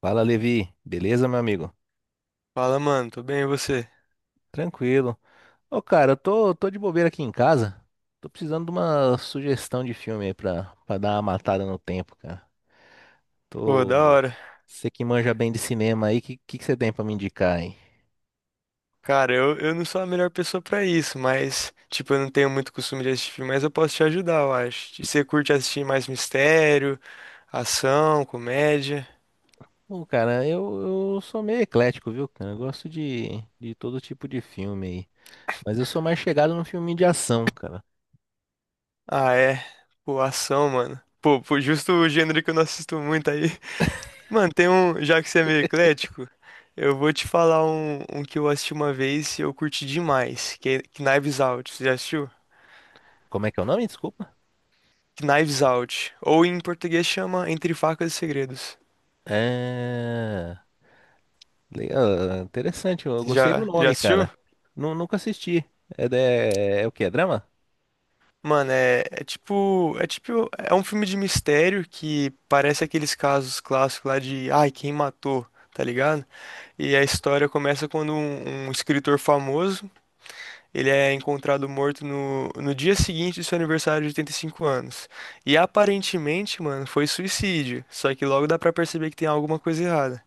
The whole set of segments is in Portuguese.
Fala, Levi. Beleza, meu amigo? Fala, mano, tudo bem e você? Tranquilo. Ô, cara, eu tô de bobeira aqui em casa. Tô precisando de uma sugestão de filme aí pra dar uma matada no tempo, cara. Pô, Tô. da hora. Você que manja bem de cinema aí, que você tem pra me indicar aí? Cara, eu não sou a melhor pessoa pra isso, mas, tipo, eu não tenho muito costume de assistir filme, mas eu posso te ajudar, eu acho. E você curte assistir mais mistério, ação, comédia? Bom, cara, eu sou meio eclético, viu, cara? Eu gosto de todo tipo de filme aí. Mas eu sou mais chegado no filme de ação, cara. Ah, é. Pô, ação, mano. Pô, justo o gênero que eu não assisto muito aí. Mano, tem um, já que você é meio eclético, eu vou te falar um, um que eu assisti uma vez e eu curti demais, que é Knives Out. Você já assistiu? Como é que é o nome? Desculpa. Knives Out. Ou em português chama Entre Facas e Segredos. É. Legal, interessante, eu gostei do Já nome, assistiu? cara. Nunca assisti. É, é o quê? É drama? Mano, é um filme de mistério que parece aqueles casos clássicos lá de, ai, quem matou, tá ligado? E a história começa quando um escritor famoso, ele é encontrado morto no, no dia seguinte do seu aniversário de 85 anos. E aparentemente, mano, foi suicídio, só que logo dá pra perceber que tem alguma coisa errada.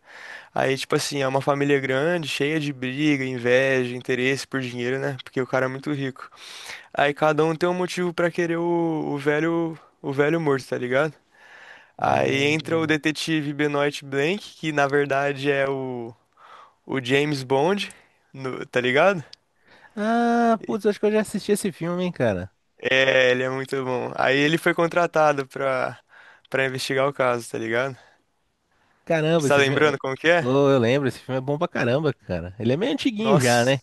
Aí, tipo assim, é uma família grande, cheia de briga, inveja, interesse por dinheiro, né? Porque o cara é muito rico. Aí cada um tem um motivo pra querer o, o velho morto, tá ligado? Aí entra o É. detetive Benoit Blanc, que na verdade é o James Bond, tá ligado? Ah, putz, acho que eu já assisti esse filme, hein, cara. É, ele é muito bom. Aí ele foi contratado pra, pra investigar o caso, tá ligado? Caramba, Você tá esse filme. lembrando como que é? Oh, eu lembro, esse filme é bom pra caramba, cara. Ele é meio antiguinho já, Nossa, né?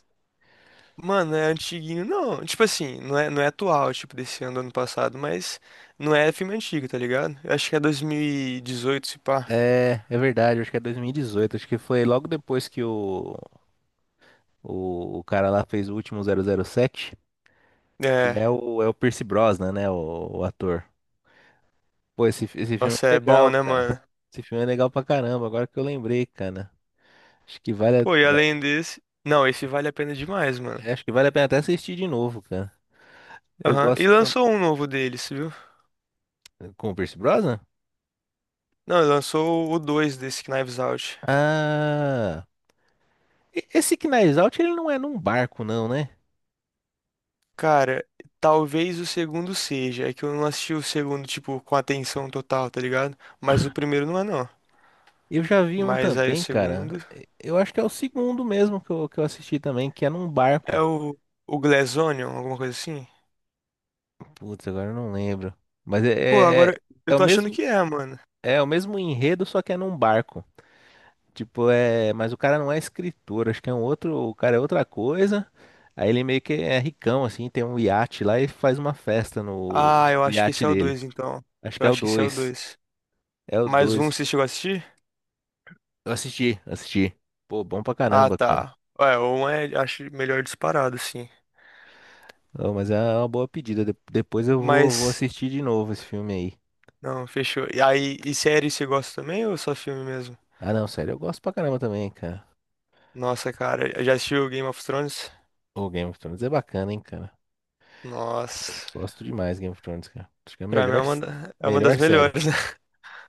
mano, é antiguinho. Não, tipo assim, não é, atual, tipo, desse ano, do ano passado, mas não é filme antigo, tá ligado? Eu acho que é 2018 se pá. É, é verdade, acho que é 2018. Acho que foi logo depois que o cara lá fez o último 007. E é É. o, é o Pierce Brosnan, né? O ator. Pô, esse filme Nossa, é é bom, legal, né, cara. mano? Esse filme é legal pra caramba, agora que eu lembrei, cara. Acho que vale a, Pô, e além desse. Não, esse vale a pena demais, mano. Acho que vale a pena até assistir de novo, cara. Eu Aham. E gosto. Lançou um novo deles, viu? Com o Pierce Brosnan? Não, lançou o 2 desse Knives Out. Ah. Esse Knives Out, ele não é num barco, não, né? Cara, talvez o segundo seja. É que eu não assisti o segundo, tipo, com atenção total, tá ligado? Mas o primeiro não é, não. Eu já vi um Mas aí o também, cara. segundo. Eu acho que é o segundo mesmo que eu assisti também, que é num É barco. o. O Glass Onion, alguma coisa assim? Putz, agora eu não lembro. Mas Pô, é, é agora. Eu é o tô achando mesmo, que é, mano. é o mesmo enredo, só que é num barco. Tipo, é. Mas o cara não é escritor, acho que é um outro. O cara é outra coisa. Aí ele meio que é ricão, assim, tem um iate lá e faz uma festa no, Ah, eu no acho que iate esse é o dele. 2, então. Acho que Eu é o acho que esse é o dois. 2. É o Mais um, 2. você chegou a assistir? Eu assisti, assisti. Pô, bom pra Ah, caramba, cara. tá. É, um é, acho melhor disparado, assim. Ô, mas é uma boa pedida. Depois eu vou Mas, assistir de novo esse filme aí. não, fechou. E aí, e série você gosta também ou só filme mesmo? Ah, não, sério, eu gosto pra caramba também, cara. Nossa, cara, já assistiu Game of Thrones? O Game of Thrones é bacana, hein, cara. Nossa, Gosto demais de Game of Thrones, cara. Acho que é a pra mim é melhor, é uma melhor das série. melhores, né?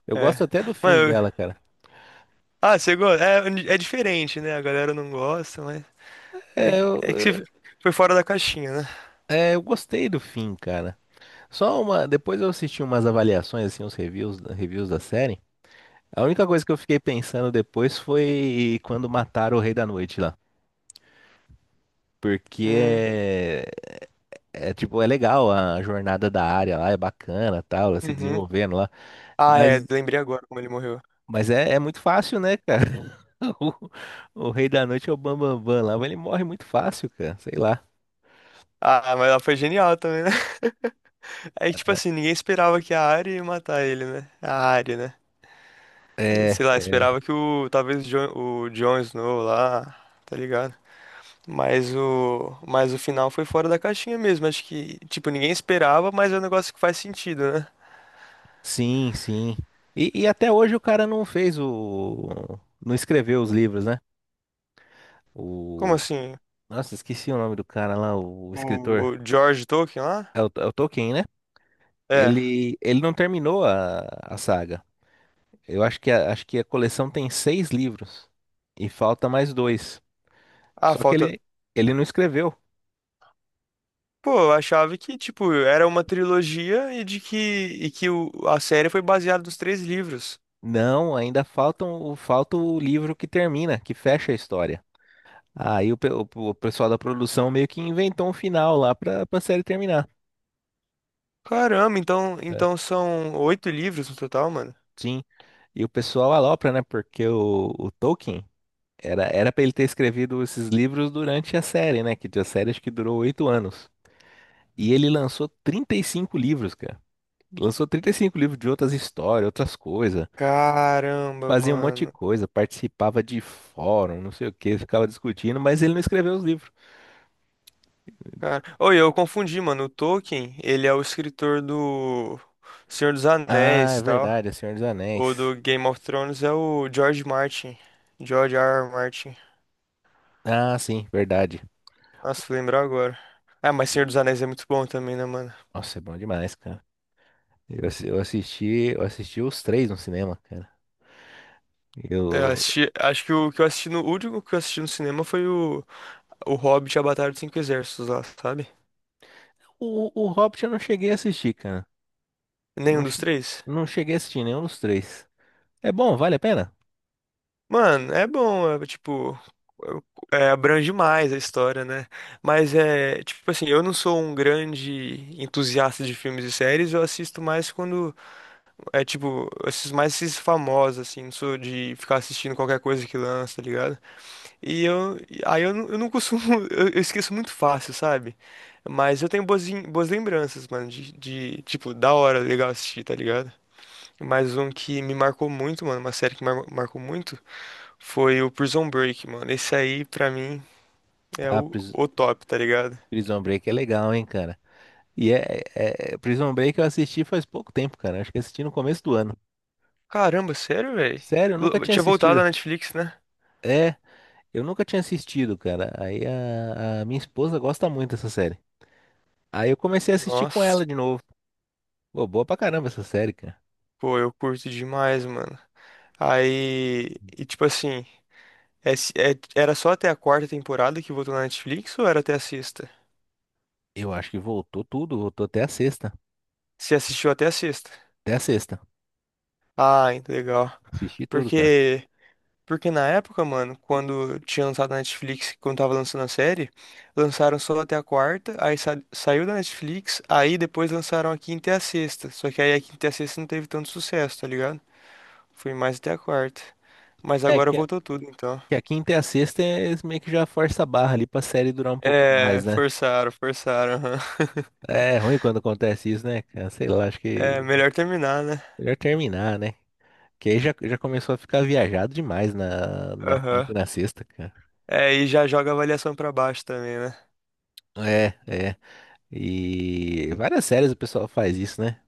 Eu gosto É. até do fim Mano, dela, cara. ah, você gosta? É diferente, né? A galera não gosta, mas É, eu, é que você foi fora da caixinha, né? É, eu gostei do fim, cara. Só uma. Depois eu assisti umas avaliações, assim, uns reviews da série. A única coisa que eu fiquei pensando depois foi quando mataram o Rei da Noite lá. Porque Hum, tipo, é legal a jornada da área lá, é bacana, tal, ela se uhum. desenvolvendo lá. Ah, Mas, é, lembrei agora como ele morreu. mas é muito fácil, né, cara? O, o Rei da Noite é o Bambambam Bam Bam Bam lá, mas ele morre muito fácil, cara. Sei lá. Ah, mas ela foi genial também, né? É que, tipo assim, ninguém esperava que a Arya ia matar ele, né? A Arya, né? É. Sei lá, esperava que o talvez o Jon Snow lá, tá ligado? Mas o final foi fora da caixinha mesmo, acho que tipo ninguém esperava, mas é um negócio que faz sentido, né? Sim, sim. E até hoje o cara não fez o. Não escreveu os livros, né? Como O. assim? Nossa, esqueci o nome do cara lá, o O, escritor. o George Tolkien lá? É o Tolkien, né? É. Ele não terminou a saga. Eu acho que a, Acho que a coleção tem seis livros. E falta mais dois. Ah, Só que falta. ele não escreveu. Pô, eu achava que tipo era uma trilogia e de que e que o, a série foi baseada nos três livros. Não, ainda faltam, falta o livro que termina, que fecha a história. Aí o pessoal da produção meio que inventou um final lá pra série terminar. Caramba, então É. então são oito livros no total, mano. Sim. E o pessoal alopra, né? Porque o Tolkien era para ele ter escrevido esses livros durante a série, né? Que a série acho que durou 8 anos. E ele lançou 35 livros, cara. Lançou 35 livros de outras histórias, outras coisas. Caramba, Fazia um monte de mano. coisa, participava de fórum, não sei o que, ficava discutindo, mas ele não escreveu os livros. Cara, oi, eu confundi, mano. O Tolkien, ele é o escritor do Senhor dos Ah, Anéis é e tal. verdade, é Senhor dos O Anéis. do Game of Thrones é o George Martin. George R. R. Martin. Ah, sim, verdade. Nossa, fui lembrar agora. Ah, mas Senhor E- dos Anéis é muito bom também, né, mano? Nossa, é bom demais, cara. Eu, assi- eu assisti, eu assisti os três no cinema, cara. É, eu Eu, assisti, acho que o que eu assisti no, o último que eu assisti no cinema foi o Hobbit e a Batalha dos Cinco Exércitos lá, sabe? o Hobbit eu não cheguei a assistir, cara. Eu não, Nenhum dos che- três? Não cheguei a assistir nenhum dos três. É bom, vale a pena? Mano, é bom, é, tipo, é, abrange mais a história, né? Mas é, tipo assim, eu não sou um grande entusiasta de filmes e séries, eu assisto mais quando, é tipo, eu assisto mais esses famosos, assim, não sou de ficar assistindo qualquer coisa que lança, tá ligado? E aí eu não costumo, eu esqueço muito fácil, sabe? Mas eu tenho boas lembranças, mano, de, tipo, da hora, legal assistir, tá ligado? Mais um que me marcou muito, mano, uma série que marcou muito. Foi o Prison Break, mano. Esse aí, pra mim, é Ah, o, o top, tá ligado? Prison Break é legal, hein, cara. E é, Prison Break eu assisti faz pouco tempo, cara. Acho que assisti no começo do ano. Caramba, sério, velho? Sério, eu nunca tinha Tinha voltado assistido. a Netflix, né? É, eu nunca tinha assistido, cara. Aí a minha esposa gosta muito dessa série. Aí eu comecei a assistir com ela Nossa, de novo. Pô, boa pra caramba essa série, cara. pô, eu curto demais, mano. Aí, e tipo assim, era só até a quarta temporada que voltou na Netflix ou era até a sexta? Eu acho que voltou tudo, voltou até a sexta. Você assistiu até a sexta? Até a sexta. Ah, legal. Assisti tudo, cara. Porque Porque na época, mano, quando tinha lançado na Netflix, quando tava lançando a série, lançaram só até a quarta, aí saiu da Netflix, aí depois lançaram a quinta e a sexta. Só que aí a quinta e a sexta não teve tanto sucesso, tá ligado? Foi mais até a quarta. Mas É. agora voltou tudo, então. Que a quinta e a sexta é eles meio que já força a barra ali pra série durar um pouquinho É, mais, né? forçaram, forçaram. Aham. É ruim quando acontece isso, né, cara? Sei lá, acho É, que melhor terminar, né? melhor terminar, né? Que aí já começou a ficar viajado demais na Aham. quinta e na sexta, cara. É, e já joga a avaliação pra baixo também, né? É. E várias séries o pessoal faz isso, né?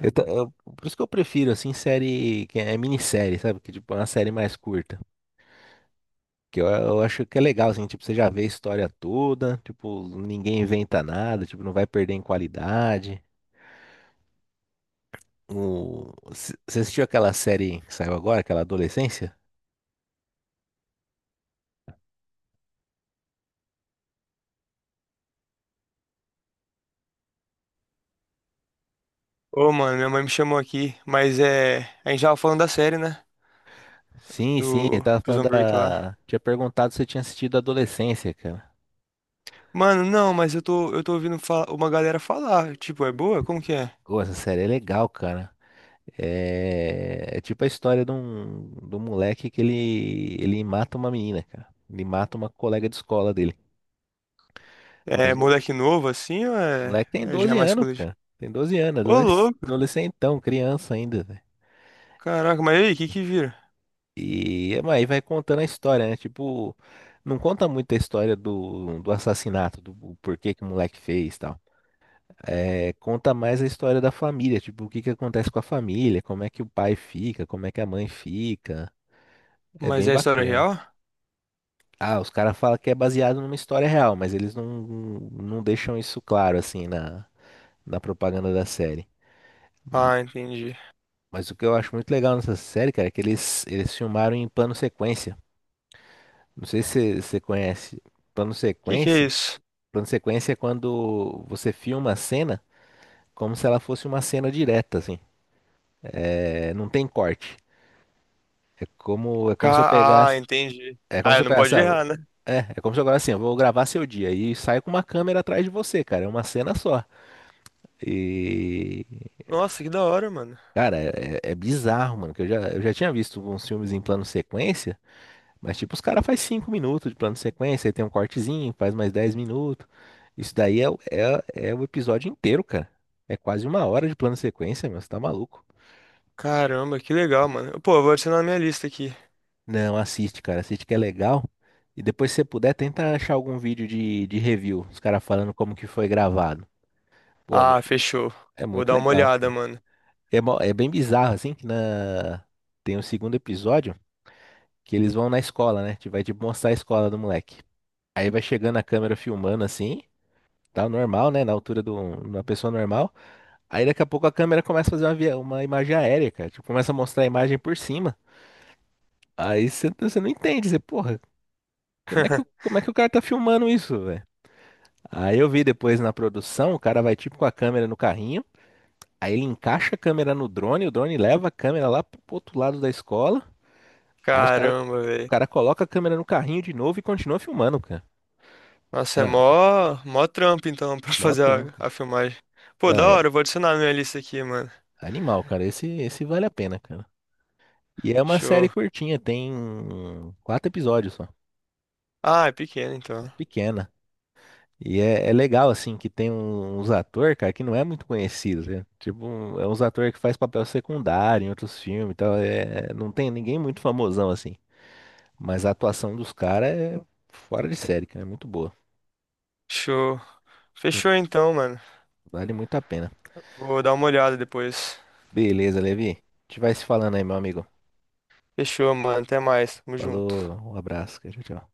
Eu ta- eu- por isso que eu prefiro, assim, série que é minissérie, sabe? Que tipo, é uma série mais curta. Que eu acho que é legal, assim, tipo, você já vê a história toda, tipo, ninguém inventa nada, tipo, não vai perder em qualidade. Você assistiu aquela série que saiu agora, aquela Adolescência? Ô, mano, minha mãe me chamou aqui, mas é. A gente tava falando da série, né? Sim, sim, eu Do tava Prison falando Break lá. da. Tinha perguntado se eu tinha assistido Adolescência, cara. Mano, não, mas eu tô ouvindo uma galera falar. Tipo, é boa? Como que é? Pô, essa série é legal, cara. É, é tipo a história de um moleque que ele mata uma menina, cara. Ele mata uma colega de escola dele. É Mas o moleque novo assim ou é, moleque tem é já é 12 mais anos, coletivo? cara. Tem 12 anos, Ô, louco! adolescentão, criança ainda. Caraca, mas e aí, o que que vira? Aí vai contando a história, né? Tipo, não conta muito a história do assassinato, do o porquê que o moleque fez e tal. É, conta mais a história da família, tipo, o que que acontece com a família, como é que o pai fica, como é que a mãe fica. É Mas bem é história bacana. real? Ah, os caras falam que é baseado numa história real, mas eles não deixam isso claro, assim, na propaganda da série. Ah, entendi. O. Mas o que eu acho muito legal nessa série, cara, é que eles filmaram em plano sequência. Não sei se você conhece plano Que que é sequência. isso? Plano de sequência é quando você filma a cena como se ela fosse uma cena direta, assim. É, não tem corte. É como se eu Ah, pegasse. entendi. É como Ah, se eu não pegasse. pode ah, errar, né? é como se eu agora assim, eu vou gravar seu dia e saio com uma câmera atrás de você, cara. É uma cena só. E. Nossa, que da hora, mano. Cara, é bizarro, mano. Que eu já tinha visto uns filmes em plano sequência. Mas, tipo, os caras faz 5 minutos de plano de sequência, aí tem um cortezinho, faz mais 10 minutos. Isso daí é o episódio inteiro, cara. É quase uma hora de plano de sequência, meu, você tá maluco. Caramba, que legal, mano. Pô, eu vou adicionar na minha lista aqui. Não, assiste, cara, assiste que é legal. E depois, se você puder, tenta achar algum vídeo de review, os caras falando como que foi gravado. Pô, Ah, fechou. é Vou muito dar uma legal. olhada, mano. É, é bem bizarro, assim, tem o segundo episódio, que eles vão na escola, né? Te vai, tipo, mostrar a escola do moleque. Aí vai chegando a câmera filmando, assim. Tá normal, né? Na altura de uma pessoa normal. Aí daqui a pouco a câmera começa a fazer uma imagem aérea, cara. Tipo, começa a mostrar a imagem por cima. Aí você não entende. Você, porra, como é que o cara tá filmando isso, velho? Aí eu vi depois na produção, o cara vai tipo com a câmera no carrinho. Aí ele encaixa a câmera no drone, o drone leva a câmera lá pro outro lado da escola. Aí os cara, Caramba, o velho. cara coloca a câmera no carrinho de novo e continua filmando, cara. Nossa, é Ah, mó trampo então pra mó fazer trampo. a filmagem. Pô, Não, da é hora, eu vou adicionar na minha lista aqui, mano. animal, cara. Esse vale a pena, cara. E é uma série Show. curtinha, tem quatro episódios só. Ah, é pequeno É então. pequena. É legal, assim, que tem uns atores, cara, que não é muito conhecido, né? Tipo, é uns atores que faz papel secundário em outros filmes e tal. É, não tem ninguém muito famosão, assim. Mas a atuação dos caras é fora de série, cara. É muito boa. Show. Fechou então, mano. Vale muito a pena. Vou dar uma olhada depois. Beleza, Levi. A gente vai se falando aí, meu amigo. Fechou, mano. Até mais. Tamo Falou, junto. um abraço, cara. Tchau, tchau.